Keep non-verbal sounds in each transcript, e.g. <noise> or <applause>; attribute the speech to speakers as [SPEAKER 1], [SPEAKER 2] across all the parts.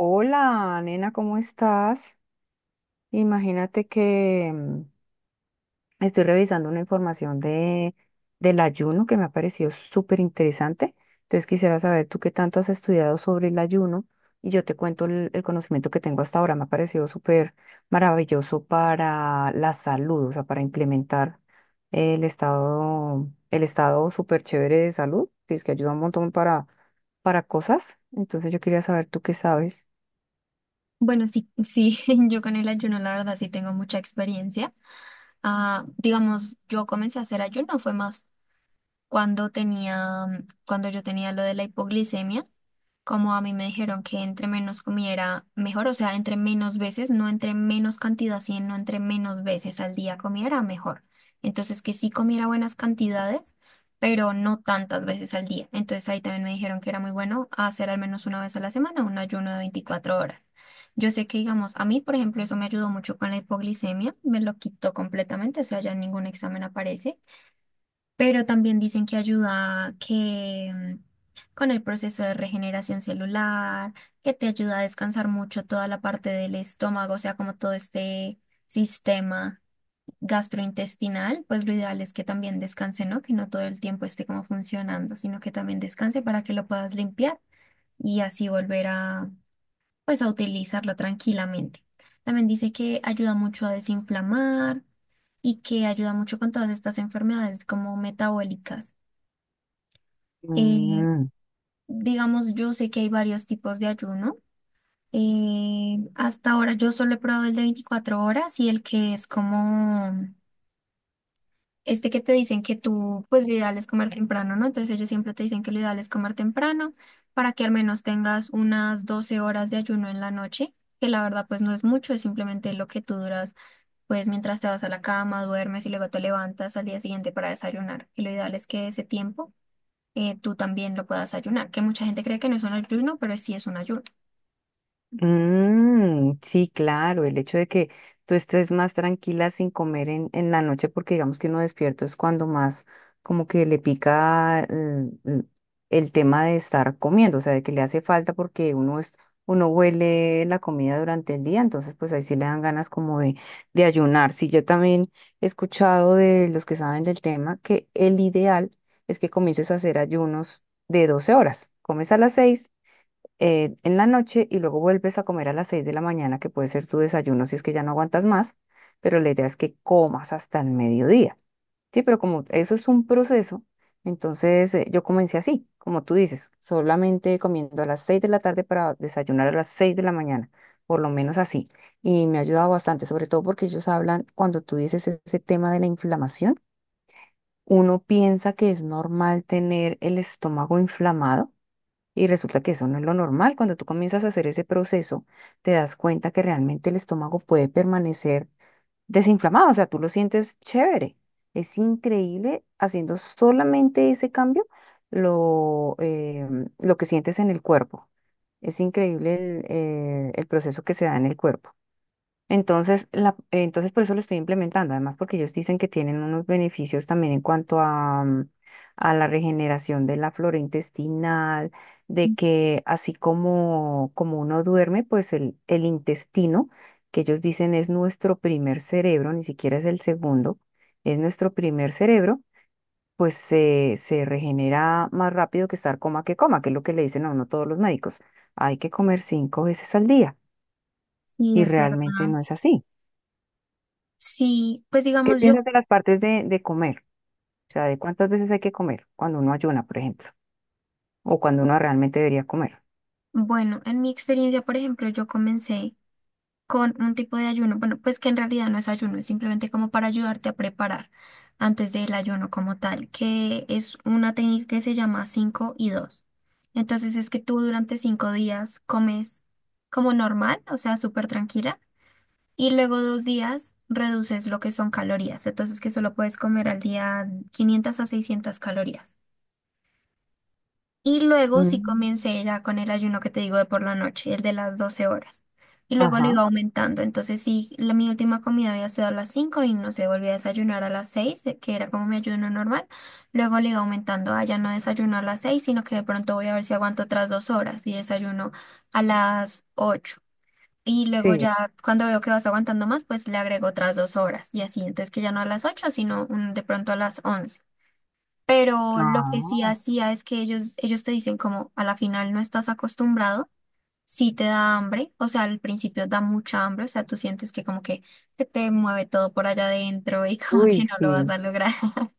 [SPEAKER 1] Hola, nena, ¿cómo estás? Imagínate que estoy revisando una información del ayuno que me ha parecido súper interesante. Entonces quisiera saber tú qué tanto has estudiado sobre el ayuno y yo te cuento el conocimiento que tengo hasta ahora. Me ha parecido súper maravilloso para la salud, o sea, para implementar el estado súper chévere de salud, que es que ayuda un montón para cosas. Entonces yo quería saber tú qué sabes.
[SPEAKER 2] Bueno, sí, sí, <laughs> yo con el ayuno, la verdad, sí tengo mucha experiencia. Ah, digamos, yo comencé a hacer ayuno, fue más cuando tenía, cuando yo tenía lo de la hipoglicemia. Como a mí me dijeron que entre menos comiera mejor, o sea, entre menos veces, no entre menos cantidad, sino entre menos veces al día comiera mejor. Entonces, que sí comiera buenas cantidades, pero no tantas veces al día. Entonces, ahí también me dijeron que era muy bueno hacer al menos una vez a la semana un ayuno de 24 horas. Yo sé que, digamos, a mí, por ejemplo, eso me ayudó mucho con la hipoglicemia, me lo quitó completamente, o sea, ya en ningún examen aparece, pero también dicen que ayuda, que con el proceso de regeneración celular, que te ayuda a descansar mucho toda la parte del estómago, o sea, como todo este sistema gastrointestinal, pues lo ideal es que también descanse, ¿no? Que no todo el tiempo esté como funcionando, sino que también descanse para que lo puedas limpiar y así volver a, pues, a utilizarlo tranquilamente. También dice que ayuda mucho a desinflamar y que ayuda mucho con todas estas enfermedades como metabólicas. Eh,
[SPEAKER 1] Mm.
[SPEAKER 2] digamos, yo sé que hay varios tipos de ayuno. Hasta ahora yo solo he probado el de 24 horas y el que es como este, que te dicen que tú, pues lo ideal es comer temprano, ¿no? Entonces ellos siempre te dicen que lo ideal es comer temprano para que al menos tengas unas 12 horas de ayuno en la noche, que la verdad pues no es mucho, es simplemente lo que tú duras, pues, mientras te vas a la cama, duermes y luego te levantas al día siguiente para desayunar, y lo ideal es que ese tiempo, tú también lo puedas ayunar, que mucha gente cree que no es un ayuno, pero sí es un ayuno.
[SPEAKER 1] Mm, sí, claro, el hecho de que tú estés más tranquila sin comer en la noche, porque digamos que uno despierto es cuando más como que le pica el tema de estar comiendo, o sea, de que le hace falta porque uno huele la comida durante el día, entonces pues ahí sí le dan ganas como de ayunar. Sí, yo también he escuchado de los que saben del tema que el ideal es que comiences a hacer ayunos de 12 horas. Comes a las 6 en la noche y luego vuelves a comer a las 6 de la mañana, que puede ser tu desayuno si es que ya no aguantas más, pero la idea es que comas hasta el mediodía. Sí, pero como eso es un proceso, entonces yo comencé así, como tú dices, solamente comiendo a las 6 de la tarde para desayunar a las 6 de la mañana, por lo menos así. Y me ha ayudado bastante, sobre todo porque ellos hablan, cuando tú dices ese tema de la inflamación, uno piensa que es normal tener el estómago inflamado y resulta que eso no es lo normal. Cuando tú comienzas a hacer ese proceso, te das cuenta que realmente el estómago puede permanecer desinflamado, o sea, tú lo sientes chévere. Es increíble haciendo solamente ese cambio lo, eh, lo que sientes en el cuerpo. Es increíble el proceso que se da en el cuerpo. Entonces, entonces por eso lo estoy implementando, además porque ellos dicen que tienen unos beneficios también en cuanto a la regeneración de la flora intestinal, de que así como uno duerme, pues el intestino, que ellos dicen es nuestro primer cerebro, ni siquiera es el segundo, es nuestro primer cerebro, pues se regenera más rápido que estar coma, que es lo que le dicen a uno todos los médicos. Hay que comer 5 veces al día
[SPEAKER 2] Sí,
[SPEAKER 1] y
[SPEAKER 2] es
[SPEAKER 1] realmente
[SPEAKER 2] verdad.
[SPEAKER 1] no es así.
[SPEAKER 2] Sí, pues
[SPEAKER 1] ¿Qué
[SPEAKER 2] digamos, yo,
[SPEAKER 1] piensas de las partes de comer? O sea, de cuántas veces hay que comer cuando uno ayuna, por ejemplo, o cuando uno realmente debería comer.
[SPEAKER 2] bueno, en mi experiencia, por ejemplo, yo comencé con un tipo de ayuno, bueno, pues que en realidad no es ayuno, es simplemente como para ayudarte a preparar antes del ayuno como tal, que es una técnica que se llama 5:2. Entonces es que tú durante 5 días comes como normal, o sea, súper tranquila. Y luego 2 días reduces lo que son calorías, entonces que solo puedes comer al día 500 a 600 calorías. Y luego sí
[SPEAKER 1] Mm,
[SPEAKER 2] comencé ya con el ayuno que te digo de por la noche, el de las 12 horas. Y luego lo
[SPEAKER 1] ajá,
[SPEAKER 2] iba aumentando, entonces sí, la, mi última comida había sido a las 5 y no sé, volví a desayunar a las 6, que era como mi ayuno normal. Luego le iba aumentando, ah, ya no desayuno a las 6 sino que de pronto voy a ver si aguanto otras 2 horas y desayuno a las 8, y luego
[SPEAKER 1] sí.
[SPEAKER 2] ya cuando veo que vas aguantando más, pues le agrego otras 2 horas y así. Entonces que ya no a las 8 sino, de pronto a las 11. Pero lo que sí
[SPEAKER 1] Ah,
[SPEAKER 2] hacía es que ellos te dicen como a la final no estás acostumbrado, sí te da hambre, o sea, al principio da mucha hambre, o sea, tú sientes que como que se te mueve todo por allá adentro y <laughs> como
[SPEAKER 1] uy,
[SPEAKER 2] que no lo vas
[SPEAKER 1] sí.
[SPEAKER 2] a lograr. <laughs>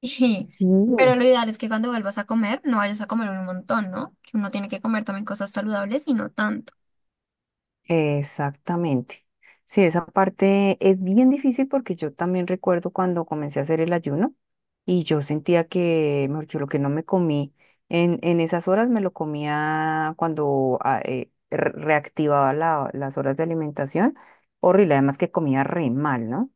[SPEAKER 2] Y-
[SPEAKER 1] Sí.
[SPEAKER 2] Pero lo ideal es que cuando vuelvas a comer, no vayas a comer un montón, ¿no? Que uno tiene que comer también cosas saludables y no tanto.
[SPEAKER 1] Exactamente. Sí, esa parte es bien difícil porque yo también recuerdo cuando comencé a hacer el ayuno y yo sentía que, mejor dicho, lo que no me comí en esas horas me lo comía cuando reactivaba las horas de alimentación. Horrible, además que comía re mal, ¿no?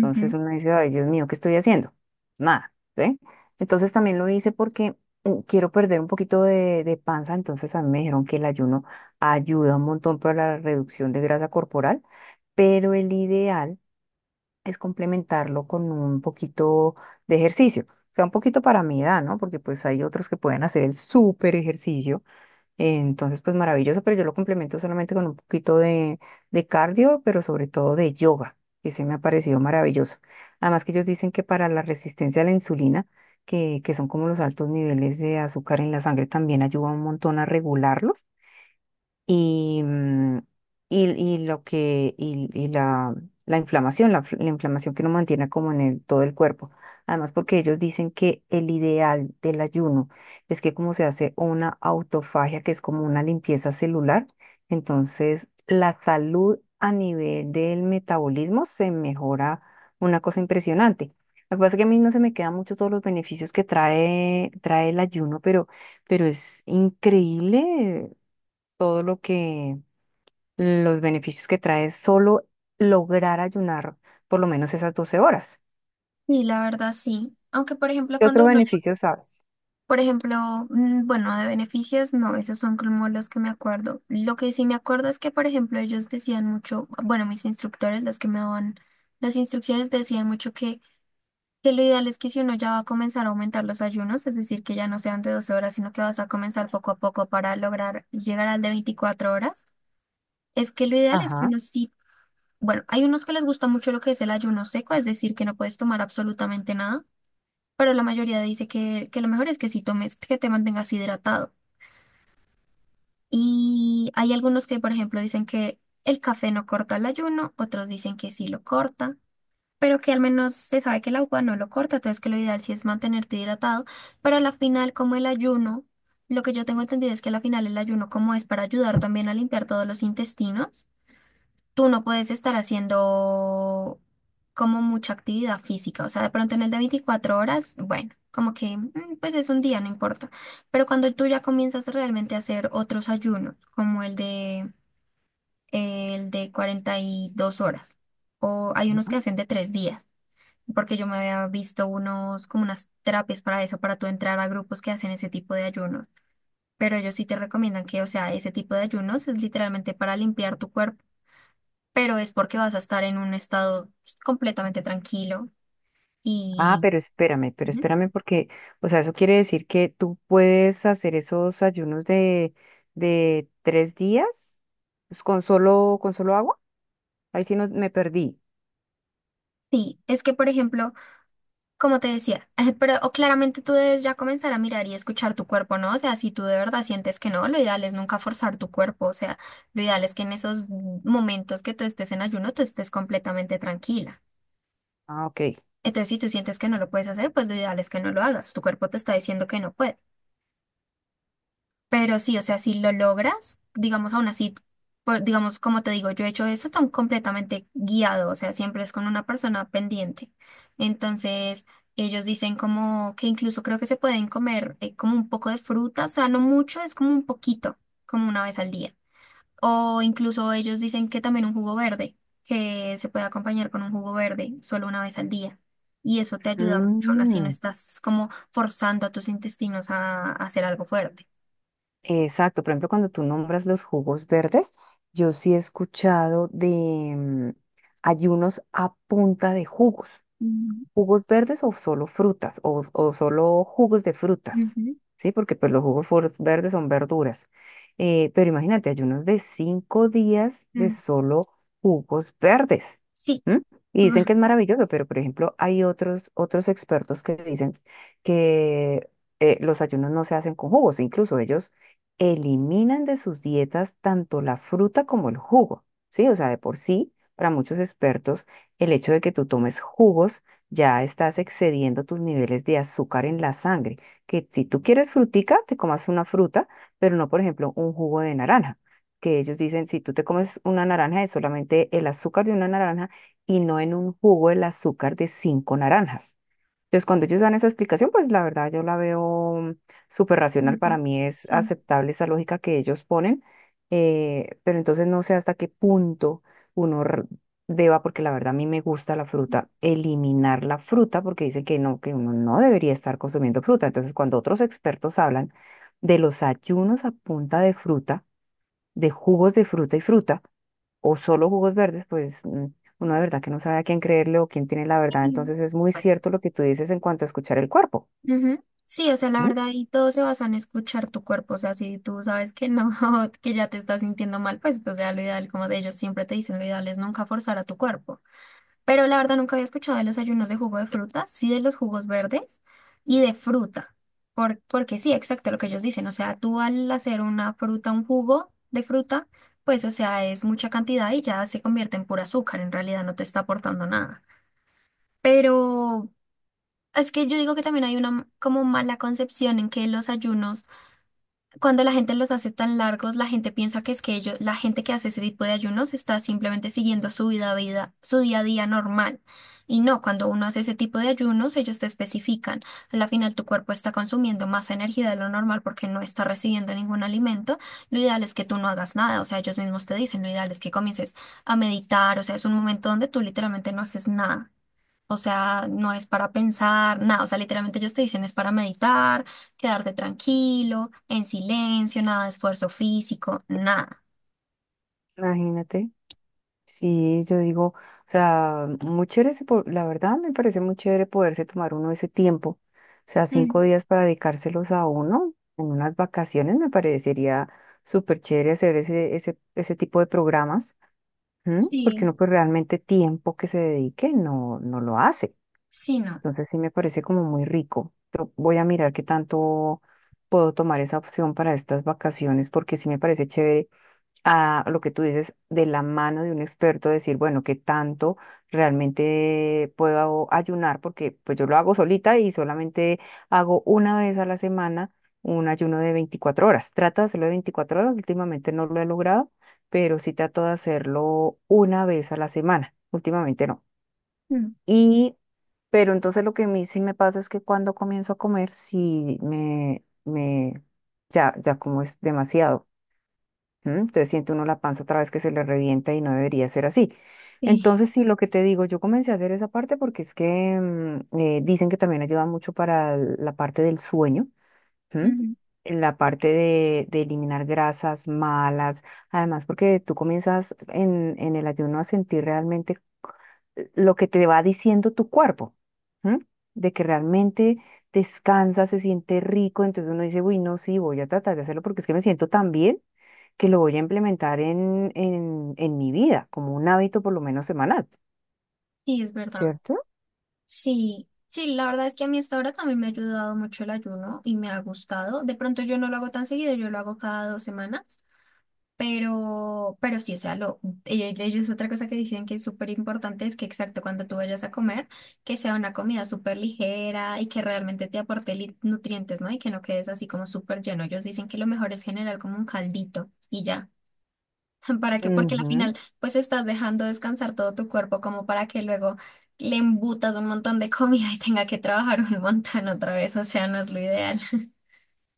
[SPEAKER 1] Entonces uno dice, ay, Dios mío, ¿qué estoy haciendo? Nada, ¿sí? Entonces también lo hice porque quiero perder un poquito de panza, entonces a mí me dijeron que el ayuno ayuda un montón para la reducción de grasa corporal, pero el ideal es complementarlo con un poquito de ejercicio. O sea, un poquito para mi edad, ¿no? Porque pues hay otros que pueden hacer el súper ejercicio. Entonces, pues maravilloso, pero yo lo complemento solamente con un poquito de cardio, pero sobre todo de yoga, que se me ha parecido maravilloso. Además que ellos dicen que para la resistencia a la insulina, que son como los altos niveles de azúcar en la sangre, también ayuda un montón a regularlo y, mm, y lo que, y la inflamación, la inflamación que uno mantiene como en todo el cuerpo. Además, porque ellos dicen que el ideal del ayuno es que como se hace una autofagia, que es como una limpieza celular, entonces la salud a nivel del metabolismo se mejora una cosa impresionante. Lo que pasa es que a mí no se me quedan mucho todos los beneficios que trae el ayuno, pero es increíble todo lo que, los beneficios que trae solo lograr ayunar por lo menos esas 12 horas.
[SPEAKER 2] Sí, la verdad sí. Aunque, por ejemplo,
[SPEAKER 1] ¿Qué otro
[SPEAKER 2] cuando uno ya,
[SPEAKER 1] beneficio sabes?
[SPEAKER 2] por ejemplo, bueno, de beneficios, no, esos son como los que me acuerdo. Lo que sí me acuerdo es que, por ejemplo, ellos decían mucho, bueno, mis instructores, los que me daban las instrucciones, decían mucho que lo ideal es que si uno ya va a comenzar a aumentar los ayunos, es decir, que ya no sean de 12 horas, sino que vas a comenzar poco a poco para lograr llegar al de 24 horas, es que lo ideal es que
[SPEAKER 1] Ajá.
[SPEAKER 2] uno sí, bueno, hay unos que les gusta mucho lo que es el ayuno seco, es decir, que no puedes tomar absolutamente nada. Pero la mayoría dice que lo mejor es que si tomes, que te mantengas hidratado. Y hay algunos que, por ejemplo, dicen que el café no corta el ayuno, otros dicen que sí lo corta, pero que al menos se sabe que el agua no lo corta, entonces que lo ideal sí es mantenerte hidratado, pero a la final, como el ayuno, lo que yo tengo entendido es que a la final el ayuno, como es para ayudar también a limpiar todos los intestinos, tú no puedes estar haciendo como mucha actividad física. O sea, de pronto en el de 24 horas, bueno, como que pues es un día, no importa. Pero cuando tú ya comienzas realmente a hacer otros ayunos, como el de 42 horas, o hay unos
[SPEAKER 1] Ajá.
[SPEAKER 2] que hacen de 3 días. Porque yo me había visto unos, como unas terapias para eso, para tú entrar a grupos que hacen ese tipo de ayunos. Pero ellos sí te recomiendan que, o sea, ese tipo de ayunos es literalmente para limpiar tu cuerpo, pero es porque vas a estar en un estado completamente tranquilo.
[SPEAKER 1] Ah,
[SPEAKER 2] Y
[SPEAKER 1] pero espérame porque, o sea, eso quiere decir que tú puedes hacer esos ayunos de 3 días pues, con solo agua. Ahí sí no, me perdí.
[SPEAKER 2] sí, es que, por ejemplo, como te decía, <laughs> pero o claramente tú debes ya comenzar a mirar y escuchar tu cuerpo, ¿no? O sea, si tú de verdad sientes que no, lo ideal es nunca forzar tu cuerpo. O sea, lo ideal es que en esos momentos que tú estés en ayuno, tú estés completamente tranquila.
[SPEAKER 1] Ah, ok.
[SPEAKER 2] Entonces, si tú sientes que no lo puedes hacer, pues lo ideal es que no lo hagas. Tu cuerpo te está diciendo que no puede. Pero sí, o sea, si lo logras, digamos, aún así, digamos, como te digo, yo he hecho eso tan completamente guiado, o sea, siempre es con una persona pendiente. Entonces, ellos dicen como que incluso creo que se pueden comer, como un poco de fruta, o sea, no mucho, es como un poquito, como una vez al día. O incluso ellos dicen que también un jugo verde, que se puede acompañar con un jugo verde solo una vez al día. Y eso te ayuda mucho, aún así no
[SPEAKER 1] Mm.
[SPEAKER 2] estás como forzando a tus intestinos a hacer algo fuerte.
[SPEAKER 1] Exacto, por ejemplo, cuando tú nombras los jugos verdes, yo sí he escuchado de mm, ayunos a punta de jugos
[SPEAKER 2] Ujú.
[SPEAKER 1] jugos verdes o solo frutas o solo jugos de frutas,
[SPEAKER 2] Ujú,
[SPEAKER 1] ¿sí? Porque pues los jugos verdes son verduras. Pero imagínate, ayunos de 5 días de
[SPEAKER 2] mm,
[SPEAKER 1] solo jugos verdes.
[SPEAKER 2] sí.
[SPEAKER 1] ¿M? Y dicen que es
[SPEAKER 2] <laughs>
[SPEAKER 1] maravilloso, pero por ejemplo hay otros expertos que dicen que los ayunos no se hacen con jugos, incluso ellos eliminan de sus dietas tanto la fruta como el jugo, ¿sí? O sea, de por sí, para muchos expertos, el hecho de que tú tomes jugos ya estás excediendo tus niveles de azúcar en la sangre, que si tú quieres frutica, te comas una fruta, pero no, por ejemplo, un jugo de naranja, que ellos dicen, si tú te comes una naranja, es solamente el azúcar de una naranja y no en un jugo el azúcar de 5 naranjas. Entonces, cuando ellos dan esa explicación, pues la verdad yo la veo súper racional.
[SPEAKER 2] Ujú,
[SPEAKER 1] Para mí es
[SPEAKER 2] sí.
[SPEAKER 1] aceptable esa lógica que ellos ponen, pero entonces no sé hasta qué punto uno r- deba, porque la verdad a mí me gusta la fruta, eliminar la fruta, porque dicen que no, que uno no debería estar consumiendo fruta. Entonces, cuando otros expertos hablan de los ayunos a punta de fruta, de jugos de fruta y fruta, o solo jugos verdes, pues uno de verdad que no sabe a quién creerle o quién tiene la verdad.
[SPEAKER 2] Y,
[SPEAKER 1] Entonces es muy
[SPEAKER 2] pues,
[SPEAKER 1] cierto lo que tú dices en cuanto a escuchar el cuerpo.
[SPEAKER 2] ujú, sí, o sea, la
[SPEAKER 1] ¿Mm?
[SPEAKER 2] verdad, y todo se basa en escuchar tu cuerpo, o sea, si tú sabes que no, <laughs> que ya te estás sintiendo mal, pues, o sea, lo ideal, como de ellos siempre te dicen, lo ideal es nunca forzar a tu cuerpo. Pero la verdad nunca había escuchado de los ayunos de jugo de fruta, sí de los jugos verdes y de fruta. Porque sí, exacto lo que ellos dicen. O sea, tú al hacer una fruta, un jugo de fruta, pues o sea, es mucha cantidad y ya se convierte en pura azúcar. En realidad no te está aportando nada. Pero es que yo digo que también hay una como mala concepción en que los ayunos, cuando la gente los hace tan largos, la gente piensa que es que ellos, la gente que hace ese tipo de ayunos, está simplemente siguiendo su vida, su día a día normal. Y no, cuando uno hace ese tipo de ayunos, ellos te especifican. A la final, tu cuerpo está consumiendo más energía de lo normal porque no está recibiendo ningún alimento. Lo ideal es que tú no hagas nada. O sea, ellos mismos te dicen, lo ideal es que comiences a meditar. O sea, es un momento donde tú literalmente no haces nada. O sea, no es para pensar nada. O sea, literalmente ellos te dicen es para meditar, quedarte tranquilo, en silencio, nada de esfuerzo físico, nada.
[SPEAKER 1] Imagínate. Sí, yo digo, o sea, muy chévere, la verdad me parece muy chévere poderse tomar uno ese tiempo, o sea, cinco
[SPEAKER 2] Mm.
[SPEAKER 1] días para dedicárselos a uno en unas vacaciones, me parecería súper chévere hacer ese tipo de programas. ¿Mm? Porque
[SPEAKER 2] Sí,
[SPEAKER 1] uno pues realmente tiempo que se dedique no lo hace.
[SPEAKER 2] sí, no.
[SPEAKER 1] Entonces sí me parece como muy rico. Yo voy a mirar qué tanto puedo tomar esa opción para estas vacaciones, porque sí me parece chévere a lo que tú dices de la mano de un experto, decir, bueno, qué tanto realmente puedo ayunar, porque pues yo lo hago solita y solamente hago una vez a la semana un ayuno de 24 horas. Trato de hacerlo de 24 horas, últimamente no lo he logrado, pero sí trato de hacerlo una vez a la semana, últimamente no.
[SPEAKER 2] Mm.
[SPEAKER 1] Y pero entonces lo que a mí sí me pasa es que cuando comienzo a comer, ya, ya como es demasiado. ¿M? Entonces siente uno la panza otra vez que se le revienta y no debería ser así.
[SPEAKER 2] Sí,
[SPEAKER 1] Entonces sí, lo que te digo, yo comencé a hacer esa parte porque es que dicen que también ayuda mucho para la parte del sueño. ¿M?
[SPEAKER 2] ujú.
[SPEAKER 1] En la parte de eliminar grasas malas, además porque tú comienzas en el ayuno a sentir realmente lo que te va diciendo tu cuerpo. ¿M? De que realmente descansa, se siente rico, entonces uno dice, uy, no, sí, voy a tratar de hacerlo porque es que me siento tan bien que lo voy a implementar en mi vida, como un hábito por lo menos semanal,
[SPEAKER 2] Sí, es verdad.
[SPEAKER 1] cierto.
[SPEAKER 2] Sí, sí, la verdad es que a mí hasta ahora también me ha ayudado mucho el ayuno y me ha gustado. De pronto yo no lo hago tan seguido, yo lo hago cada 2 semanas. Pero sí, o sea, lo, ellos otra cosa que dicen que es súper importante es que exacto, cuando tú vayas a comer, que sea una comida súper ligera y que realmente te aporte nutrientes, ¿no? Y que no quedes así como súper lleno. Ellos dicen que lo mejor es generar como un caldito y ya. <laughs> ¿Para qué? Porque al
[SPEAKER 1] Ujú.
[SPEAKER 2] final, pues estás dejando descansar todo tu cuerpo como para que luego le embutas un montón de comida y tenga que trabajar un <laughs> montón otra vez. O sea, no es lo ideal.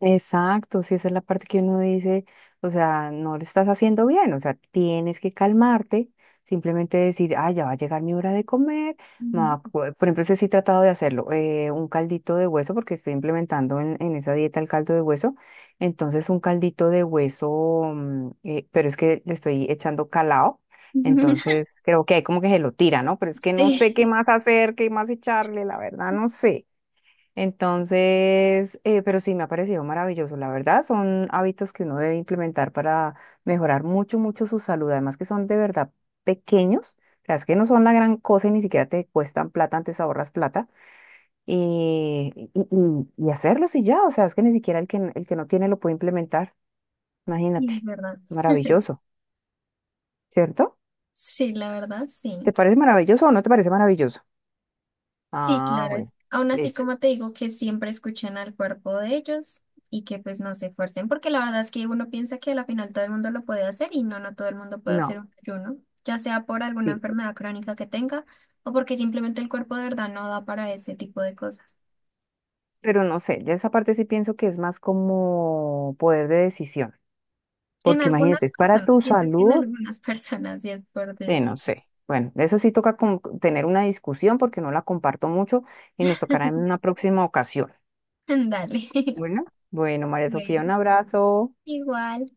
[SPEAKER 1] Exacto, si esa es la parte que uno dice, o sea, no lo estás haciendo bien, o sea, tienes que calmarte, simplemente decir, ah, ya va a llegar mi hora de comer. Me va
[SPEAKER 2] Ujú.
[SPEAKER 1] a co- Por ejemplo, ese sí he tratado de hacerlo, un caldito de hueso, porque estoy implementando en esa dieta el caldo de hueso, entonces un caldito de hueso, pero es que le estoy echando calao,
[SPEAKER 2] <laughs>
[SPEAKER 1] entonces creo que hay como que se lo tira, ¿no? Pero es que no sé qué
[SPEAKER 2] Sí,
[SPEAKER 1] más hacer, qué más echarle, la verdad, no sé. Entonces, pero sí me ha parecido maravilloso, la verdad, son hábitos que uno debe implementar para mejorar mucho, mucho su salud, además que son de verdad pequeños, o sea, es que no son la gran cosa y ni siquiera te cuestan plata, antes ahorras plata y, y, y hacerlos y ya, o sea, es que ni siquiera el que, el que no tiene lo puede implementar, imagínate,
[SPEAKER 2] sí, es verdad.
[SPEAKER 1] maravilloso, ¿cierto?
[SPEAKER 2] Sí, la verdad,
[SPEAKER 1] ¿Te
[SPEAKER 2] sí.
[SPEAKER 1] parece maravilloso o no te parece maravilloso?
[SPEAKER 2] Sí,
[SPEAKER 1] Ah,
[SPEAKER 2] claro,
[SPEAKER 1] bueno,
[SPEAKER 2] es, aún así
[SPEAKER 1] listo,
[SPEAKER 2] como te digo que siempre escuchen al cuerpo de ellos, y que pues no se esfuercen, porque la verdad es que uno piensa que a la final todo el mundo lo puede hacer y no, no todo el mundo puede
[SPEAKER 1] no.
[SPEAKER 2] hacer un ayuno, ya sea por alguna
[SPEAKER 1] Sí.
[SPEAKER 2] enfermedad crónica que tenga o porque simplemente el cuerpo de verdad no da para ese tipo de cosas.
[SPEAKER 1] Pero no sé, yo esa parte sí pienso que es más como poder de decisión,
[SPEAKER 2] En
[SPEAKER 1] porque imagínate,
[SPEAKER 2] algunas
[SPEAKER 1] es para
[SPEAKER 2] personas,
[SPEAKER 1] tu
[SPEAKER 2] siento que en
[SPEAKER 1] salud,
[SPEAKER 2] algunas <laughs> personas sí es por
[SPEAKER 1] de no
[SPEAKER 2] decisión.
[SPEAKER 1] sé. Bueno, de eso sí toca tener una discusión porque no la comparto mucho y nos tocará en una próxima ocasión.
[SPEAKER 2] <laughs> Dale.
[SPEAKER 1] Bueno, bueno,
[SPEAKER 2] <laughs>
[SPEAKER 1] María Sofía, un
[SPEAKER 2] Bueno,
[SPEAKER 1] abrazo.
[SPEAKER 2] igual.